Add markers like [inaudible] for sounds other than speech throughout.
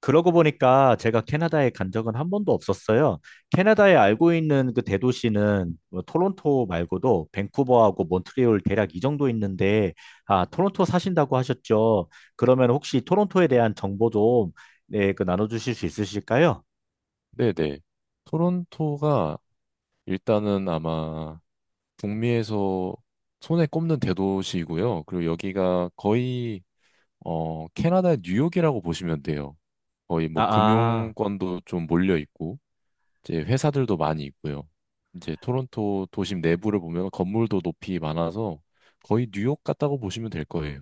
그러고 보니까 제가 캐나다에 간 적은 한 번도 없었어요. 캐나다에 알고 있는 그 대도시는 뭐 토론토 말고도 밴쿠버하고 몬트리올 대략 이 정도 있는데, 아, 토론토 사신다고 하셨죠? 그러면 혹시 토론토에 대한 정보 좀, 네, 그 나눠주실 수 있으실까요? 네네. 토론토가 일단은 아마 북미에서 손에 꼽는 대도시이고요. 그리고 여기가 거의 캐나다의 뉴욕이라고 보시면 돼요. 거의 아, 뭐 아. 금융권도 좀 몰려 있고 이제 회사들도 많이 있고요. 이제 토론토 도심 내부를 보면 건물도 높이 많아서 거의 뉴욕 같다고 보시면 될 거예요.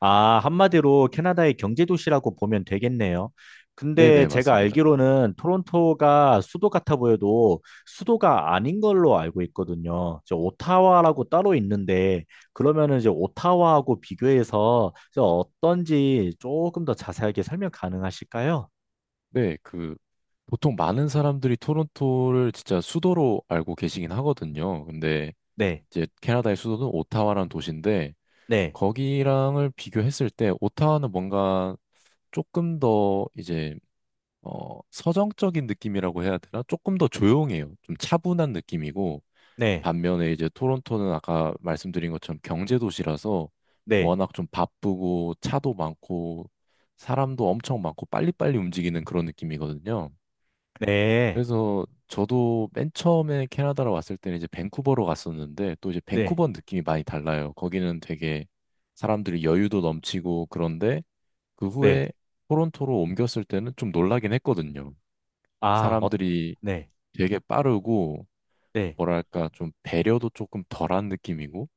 아, 한마디로 캐나다의 경제 도시라고 보면 되겠네요. 근데 네네, 제가 맞습니다. 알기로는 토론토가 수도 같아 보여도 수도가 아닌 걸로 알고 있거든요. 저 오타와라고 따로 있는데 그러면은 이제 오타와하고 비교해서 저 어떤지 조금 더 자세하게 설명 가능하실까요? 네, 그 보통 많은 사람들이 토론토를 진짜 수도로 알고 계시긴 하거든요. 근데 네, 이제 캐나다의 수도는 오타와라는 도시인데 네, 거기랑을 비교했을 때 오타와는 뭔가 조금 더 이제 서정적인 느낌이라고 해야 되나? 조금 더 조용해요. 좀 차분한 느낌이고 네, 반면에 이제 토론토는 아까 말씀드린 것처럼 경제 도시라서 네, 워낙 좀 바쁘고 차도 많고 사람도 엄청 많고 빨리빨리 움직이는 그런 느낌이거든요. 네, 그래서 저도 맨 처음에 캐나다로 왔을 때는 이제 밴쿠버로 갔었는데 또 이제 네, 밴쿠버 느낌이 많이 달라요. 거기는 되게 사람들이 여유도 넘치고 그런데 그 네. 후에 토론토로 옮겼을 때는 좀 놀라긴 했거든요. 아, 어, 사람들이 네, 되게 빠르고 네, 뭐랄까 좀 배려도 조금 덜한 느낌이고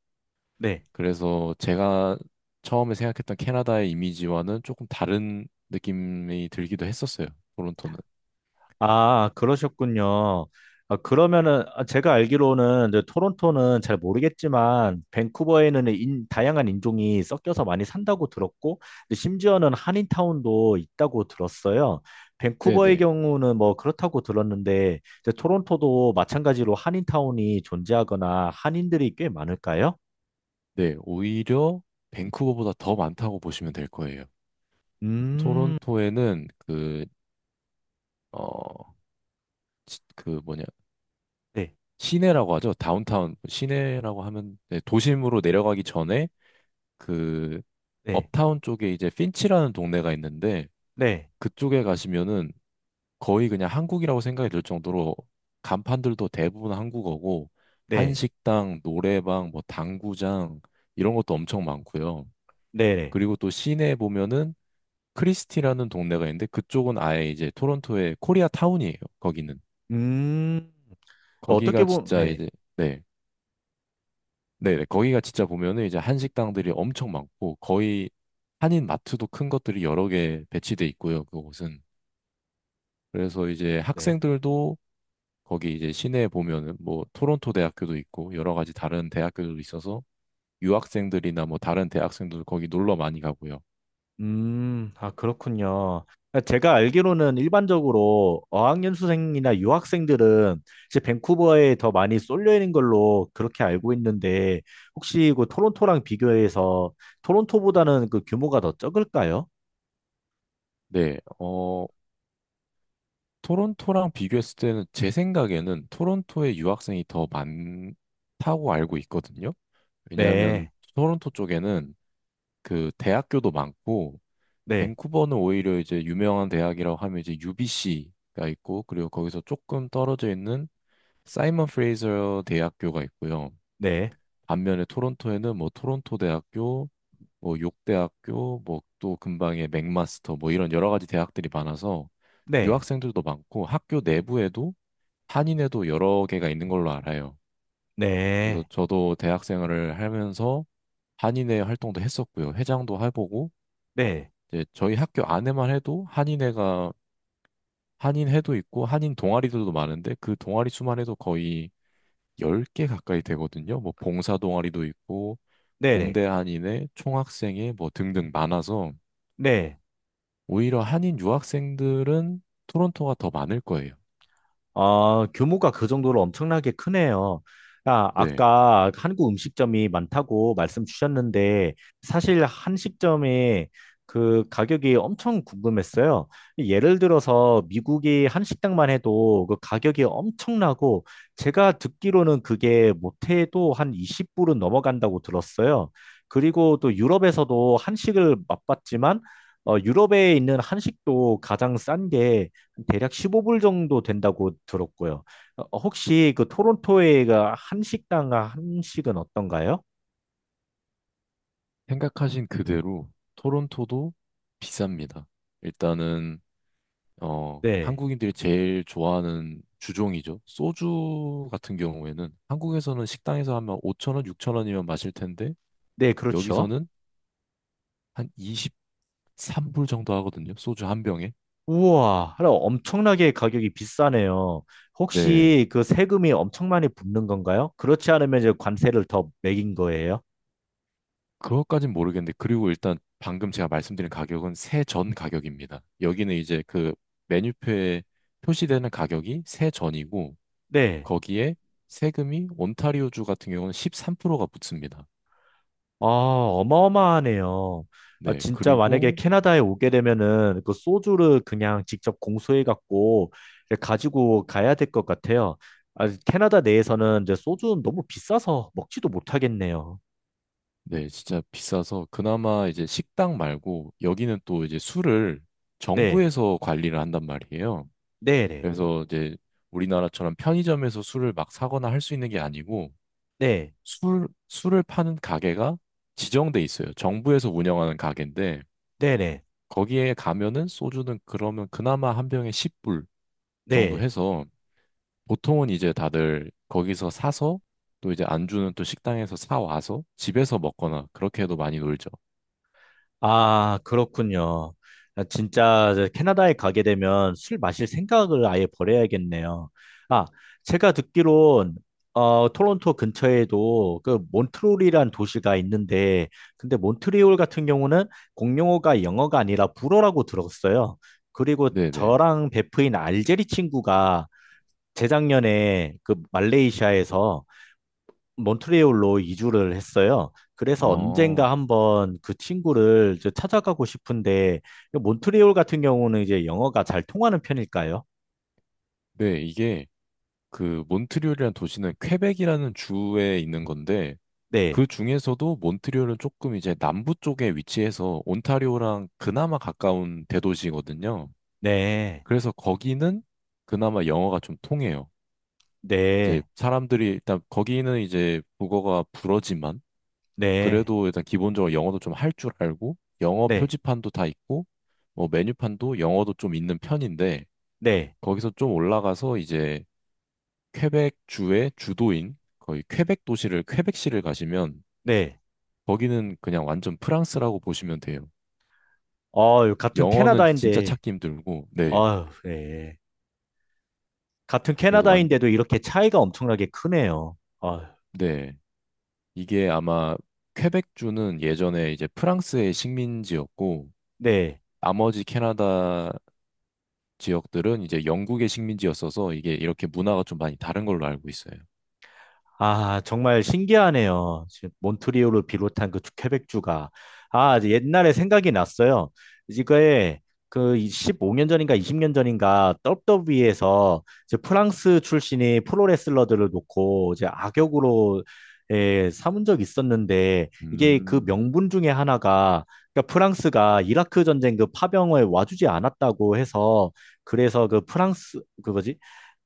네. 그래서 제가 처음에 생각했던 캐나다의 이미지와는 조금 다른 느낌이 들기도 했었어요. 토론토는. 아, 그러셨군요. 아, 그러면은 아, 제가 알기로는 이제 토론토는 잘 모르겠지만 밴쿠버에는 다양한 인종이 섞여서 많이 산다고 들었고 근데 심지어는 한인타운도 있다고 들었어요. 밴쿠버의 네네. 경우는 뭐 그렇다고 들었는데 이제 토론토도 마찬가지로 한인타운이 존재하거나 한인들이 꽤 많을까요? 네, 오히려 밴쿠버보다 더 많다고 보시면 될 거예요. 음, 토론토에는 그, 어, 그 뭐냐, 네, 시내라고 하죠. 다운타운, 시내라고 하면, 네, 도심으로 내려가기 전에 그, 네, 업타운 쪽에 이제 핀치라는 동네가 있는데 네, 그쪽에 가시면은 거의 그냥 한국이라고 생각이 들 정도로 간판들도 대부분 한국어고 네, 한식당, 노래방, 뭐 당구장 이런 것도 엄청 많고요. 네, 네. 그리고 또 시내에 보면은 크리스티라는 동네가 있는데 그쪽은 아예 이제 토론토의 코리아 타운이에요. 거기는 음, 어떻게 거기가 보면 진짜 네, 이제 네. 네, 네. 거기가 진짜 보면은 이제 한식당들이 엄청 많고 거의 한인 마트도 큰 것들이 여러 개 배치돼 있고요. 그곳은 그래서 이제 네. 학생들도 거기 이제 시내에 보면은 뭐 토론토 대학교도 있고 여러 가지 다른 대학교도 있어서 유학생들이나 뭐 다른 대학생들도 거기 놀러 많이 가고요. 아, 그렇군요. 그러니까 제가 알기로는 일반적으로 어학연수생이나 유학생들은 이제 밴쿠버에 더 많이 쏠려 있는 걸로 그렇게 알고 있는데 혹시 그 토론토랑 비교해서 토론토보다는 그 규모가 더 적을까요? 네. 토론토랑 비교했을 때는 제 생각에는 토론토에 유학생이 더 많다고 알고 있거든요. 왜냐하면 네, 토론토 쪽에는 그 대학교도 많고 네, 밴쿠버는 오히려 이제 유명한 대학이라고 하면 이제 UBC가 있고 그리고 거기서 조금 떨어져 있는 사이먼 프레이저 대학교가 있고요. 네, 반면에 토론토에는 뭐 토론토 대학교, 뭐 욕대학교, 뭐 또 근방에 맥마스터 뭐 이런 여러 가지 대학들이 많아서 네, 유학생들도 많고 학교 내부에도 한인회도 여러 개가 있는 걸로 알아요. 그래서 네, 저도 대학 생활을 하면서 한인회 활동도 했었고요. 회장도 해보고, 네, 이제 저희 학교 안에만 해도 한인회가, 한인회도 있고, 한인 동아리들도 많은데, 그 동아리 수만 해도 거의 10개 가까이 되거든요. 뭐, 봉사 동아리도 있고, 네, 네, 공대 한인회, 총학생회, 뭐, 등등 많아서, 네. 오히려 한인 유학생들은 토론토가 더 많을 거예요. 아, 규모가 그 정도로 엄청나게 크네요. 아, 네. 아까 한국 음식점이 많다고 말씀 주셨는데, 사실 한식점의 그 가격이 엄청 궁금했어요. 예를 들어서 미국의 한식당만 해도 그 가격이 엄청나고, 제가 듣기로는 그게 못해도 한 20불은 넘어간다고 들었어요. 그리고 또 유럽에서도 한식을 맛봤지만, 유럽에 있는 한식도 가장 싼 게, 대략 15불 정도 된다고 들었고요. 혹시 그 토론토에가 한식당 한식은 어떤가요? 생각하신 그대로 토론토도 비쌉니다. 일단은 네. 한국인들이 제일 좋아하는 주종이죠. 소주 같은 경우에는 한국에서는 식당에서 하면 5천 원, 6천 원이면 마실 텐데 네, 그렇죠. 여기서는 한 23불 정도 하거든요. 소주 한 병에. 우와, 하나 엄청나게 가격이 비싸네요. 네. 혹시 그 세금이 엄청 많이 붙는 건가요? 그렇지 않으면 이제 관세를 더 매긴 거예요? 그것까진 모르겠는데 그리고 일단 방금 제가 말씀드린 가격은 세전 가격입니다. 여기는 이제 그 메뉴표에 표시되는 가격이 세전이고 네. 거기에 세금이 온타리오주 같은 경우는 13%가 붙습니다. 아, 어마어마하네요. 아, 네, 진짜 만약에 그리고 캐나다에 오게 되면은 그 소주를 그냥 직접 공수해 갖고 가지고 가야 될 것 같아요. 아, 캐나다 내에서는 이제 소주는 너무 비싸서 먹지도 못하겠네요. 네, 진짜 비싸서 그나마 이제 식당 말고 여기는 또 이제 술을 네, 정부에서 관리를 한단 말이에요. 네, 네, 그래서 이제 우리나라처럼 편의점에서 술을 막 사거나 할 수 있는 게 아니고 네, 술을 파는 가게가 지정돼 있어요. 정부에서 운영하는 가게인데 네, 네, 거기에 가면은 소주는 그러면 그나마 한 병에 10불 정도 네. 해서 보통은 이제 다들 거기서 사서 또 이제 안주는 또 식당에서 사 와서 집에서 먹거나 그렇게 해도 많이 놀죠. 아, 그렇군요. 아, 진짜 저 캐나다에 가게 되면 술 마실 생각을 아예 버려야겠네요. 아, 제가 듣기론 토론토 근처에도 그 몬트리올이란 도시가 있는데 근데 몬트리올 같은 경우는 공용어가 영어가 아니라 불어라고 들었어요. 그리고 네네. 저랑 베프인 알제리 친구가 재작년에 그 말레이시아에서 몬트리올로 이주를 했어요. 그래서 언젠가 어. 한번 그 친구를 이제 찾아가고 싶은데, 몬트리올 같은 경우는 이제 영어가 잘 통하는 편일까요? 네, 이게 그 몬트리올이라는 도시는 퀘벡이라는 주에 있는 건데 네, 그 중에서도 몬트리올은 조금 이제 남부 쪽에 위치해서 온타리오랑 그나마 가까운 대도시거든요. 네, 그래서 거기는 그나마 영어가 좀 통해요. 이제 네, 사람들이 일단 거기는 이제 국어가 불어지만 네, 그래도 일단 기본적으로 영어도 좀 할 줄 알고 영어 네, 표지판도 다 있고 뭐 메뉴판도 영어도 좀 있는 편인데 네, 거기서 좀 올라가서 이제 퀘벡 주의 주도인 거의 퀘벡 도시를 퀘벡시를 가시면 네. 거기는 그냥 완전 프랑스라고 보시면 돼요. 어, 같은 영어는 진짜 캐나다인데, 찾기 힘들고 네. 아 네. 같은 그래서 완 캐나다인데도 이렇게 차이가 엄청나게 크네요. 아, 네. 이게 아마 퀘벡주는 예전에 이제 프랑스의 식민지였고 네. 나머지 캐나다 지역들은 이제 영국의 식민지였어서 이게 이렇게 문화가 좀 많이 다른 걸로 알고 있어요. 아, 정말 신기하네요. 지금 몬트리올을 비롯한 그 퀘벡주가. 아, 이제 옛날에 생각이 났어요. 이거에 그 15년 전인가 20년 전인가 WWE 에서 이제 프랑스 출신의 프로레슬러들을 놓고 이제 악역으로 예, 삼은 적이 있었는데 이게 그 음, 명분 중에 하나가 그러니까 프랑스가 이라크 전쟁 그 파병을 와주지 않았다고 해서 그래서 그 프랑스 그거지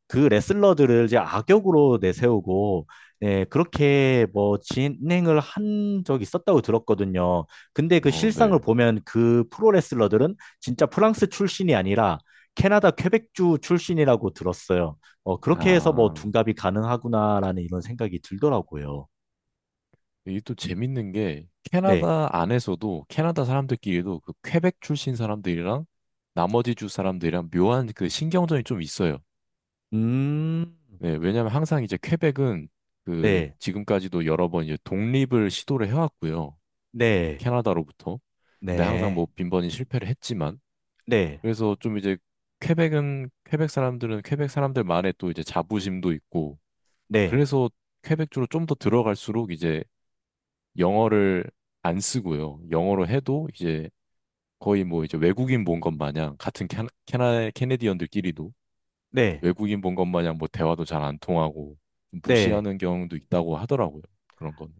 그 레슬러들을 이제 악역으로 내세우고 예, 그렇게 뭐 진행을 한 적이 있었다고 들었거든요. 근데 그 실상을 네. 보면 그 프로 레슬러들은 진짜 프랑스 출신이 아니라 캐나다 퀘벡주 출신이라고 들었어요. 그렇게 해서 뭐 아, 둔갑이 가능하구나라는 이런 생각이 들더라고요. 이게 또 재밌는 게 네. 캐나다 안에서도 캐나다 사람들끼리도 그 퀘벡 출신 사람들이랑 나머지 주 사람들이랑 묘한 그 신경전이 좀 있어요. 음. 네, 왜냐면 항상 이제 퀘벡은 그 네. 지금까지도 여러 번 이제 독립을 시도를 해왔고요. 네. 캐나다로부터. 근데 항상 뭐 네. 빈번히 실패를 했지만 네. 그래서 좀 이제 퀘벡은 퀘벡 사람들은 퀘벡 사람들만의 또 이제 자부심도 있고 네. 그래서 퀘벡 주로 좀 더 들어갈수록 이제 영어를 안 쓰고요. 영어로 해도 이제 거의 뭐 이제 외국인 본 것 마냥 같은 캐네디언들끼리도 네. 외국인 본 것 마냥 뭐 대화도 잘 안 통하고 네. 무시하는 경우도 있다고 하더라고요. 그런 건.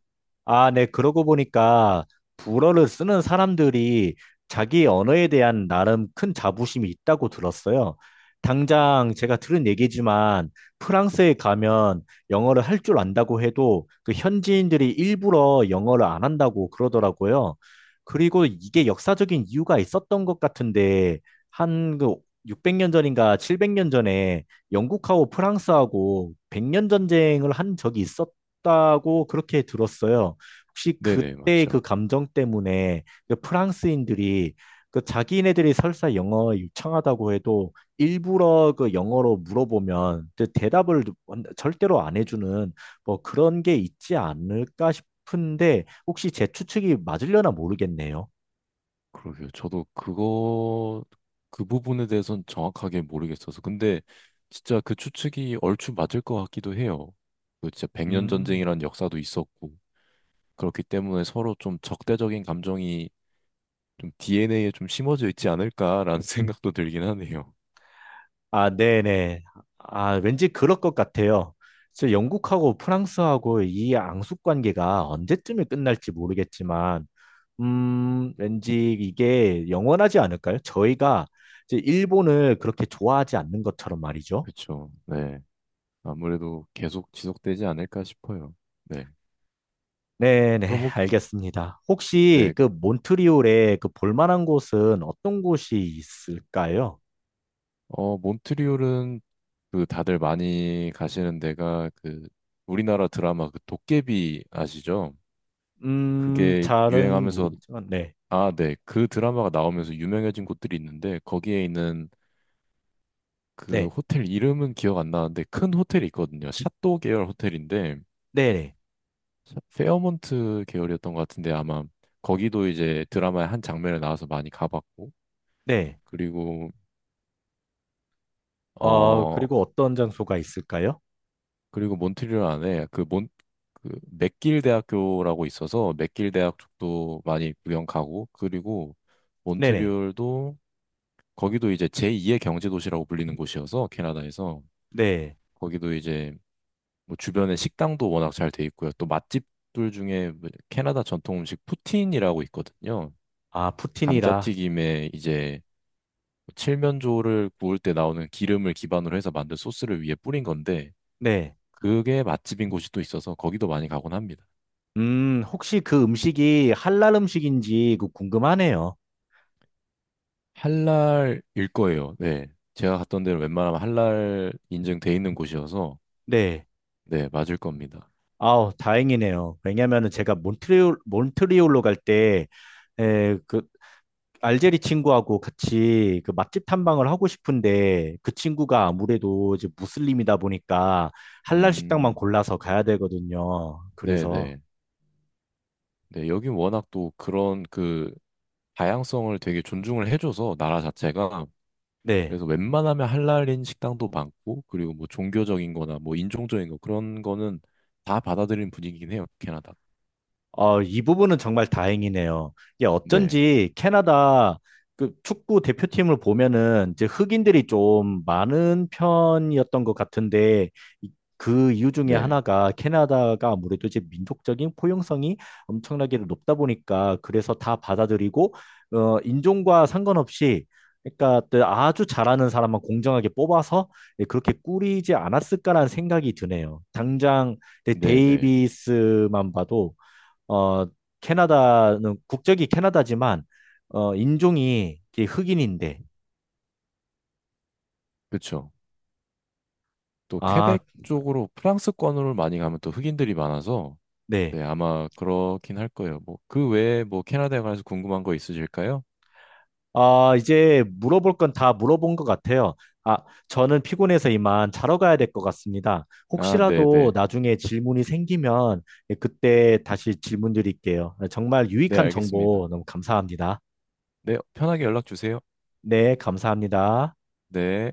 아, 네. 그러고 보니까 불어를 쓰는 사람들이 자기 언어에 대한 나름 큰 자부심이 있다고 들었어요. 당장 제가 들은 얘기지만 프랑스에 가면 영어를 할 줄 안다고 해도 그 현지인들이 일부러 영어를 안 한다고 그러더라고요. 그리고 이게 역사적인 이유가 있었던 것 같은데 한 그 600년 전인가 700년 전에 영국하고 프랑스하고 100년 전쟁을 한 적이 있었 다고 그렇게 들었어요. 혹시 네네, 그때 그 맞죠. 감정 때문에 그 프랑스인들이 그 자기네들이 설사 영어 유창하다고 해도 일부러 그 영어로 물어보면 그 대답을 절대로 안 해주는 뭐 그런 게 있지 않을까 싶은데 혹시 제 추측이 맞으려나 모르겠네요. 그러게요. 그 부분에 대해서는 정확하게 모르겠어서. 근데 진짜 그 추측이 얼추 맞을 것 같기도 해요. 그 진짜 백년 음, 전쟁이란 역사도 있었고, 그렇기 때문에 서로 좀 적대적인 감정이 좀 DNA에 좀 심어져 있지 않을까라는 [laughs] 생각도 들긴 하네요. 아, 네네. 아, 왠지 그럴 것 같아요. 그래서 영국하고 프랑스하고 이 앙숙 관계가 언제쯤에 끝날지 모르겠지만 왠지 이게 영원하지 않을까요? 저희가 이제 일본을 그렇게 좋아하지 않는 것처럼 말이죠. 그쵸. 네. 아무래도 계속 지속되지 않을까 싶어요. 네. 네네, 그럼 혹시, 알겠습니다. 혹시 네. 그 몬트리올에 그 볼만한 곳은 어떤 곳이 있을까요? 몬트리올은 그 다들 많이 가시는 데가 그 우리나라 드라마 그 도깨비 아시죠? 그게 잘은 유행하면서 모르겠지만, 네, 아, 네. 그 드라마가 나오면서 유명해진 곳들이 있는데 거기에 있는 그 네, 호텔 이름은 기억 안 나는데 큰 호텔이 있거든요. 샤또 계열 호텔인데 네네, 페어몬트 계열이었던 것 같은데 아마 거기도 이제 드라마의 한 장면에 나와서 많이 가봤고 네. 그리고 어, 어, 그리고 어떤 장소가 있을까요? 그리고 몬트리올 안에 그 맥길 대학교라고 있어서 맥길 대학 쪽도 많이 구경 가고 그리고 네네, 몬트리올도 거기도 이제 제2의 경제 도시라고 불리는 곳이어서 캐나다에서 네. 거기도 이제 뭐 주변에 식당도 워낙 잘 돼 있고요. 또 맛집들 중에 뭐 캐나다 전통 음식 푸틴이라고 있거든요. 아, 푸틴이라, 감자튀김에 이제 뭐 칠면조를 구울 때 나오는 기름을 기반으로 해서 만든 소스를 위에 뿌린 건데 네. 그게 맛집인 곳이 또 있어서 거기도 많이 가곤 합니다. 혹시 그 음식이 할랄 음식인지 그 궁금하네요. 할랄일 거예요. 네. 제가 갔던 데는 웬만하면 할랄 인증돼 있는 곳이어서 네. 네, 맞을 겁니다. 아우, 다행이네요. 왜냐면은 제가 몬트리올로 갈 때, 그, 알제리 친구하고 같이 그 맛집 탐방을 하고 싶은데, 그 친구가 아무래도 이제 무슬림이다 보니까, 할랄 식당만 음. 골라서 가야 되거든요. 네, 그래서, 네. 네, 여긴 워낙 또 그런 그 다양성을 되게 존중을 해줘서 나라 자체가 네. 그래서 웬만하면 할랄인 식당도 많고 그리고 뭐 종교적인 거나 뭐 인종적인 거 그런 거는 다 받아들이는 분위기긴 해요, 캐나다. 아, 이 부분은 정말 다행이네요. 이게 네. 어쩐지 캐나다 그 축구 대표팀을 보면은 이제 흑인들이 좀 많은 편이었던 것 같은데 이- 그 이유 중에 네. 하나가 캐나다가 아무래도 이제 민족적인 포용성이 엄청나게 높다 보니까 그래서 다 받아들이고 인종과 상관없이 그러니까 또 아주 잘하는 사람만 공정하게 뽑아서 예, 그렇게 꾸리지 않았을까라는 생각이 드네요. 당장 네, 네. 데이비스만 봐도 어, 캐나다는 국적이 캐나다지만 인종이 이게 흑인인데 그쵸 또 아, 퀘벡 쪽으로 프랑스권으로 많이 가면 또 흑인들이 많아서 네. 네, 아마 그렇긴 할 거예요. 뭐 그 외에 뭐 캐나다에 관해서 궁금한 거 있으실까요? 아, 이제 물어볼 건 다 물어본 것 같아요. 아, 저는 피곤해서 이만 자러 가야 될 것 같습니다. 아, 네, 혹시라도 네. 나중에 질문이 생기면 그때 다시 질문 드릴게요. 정말 네, 유익한 알겠습니다. 정보 너무 감사합니다. 네, 편하게 연락 주세요. 네, 감사합니다. 네.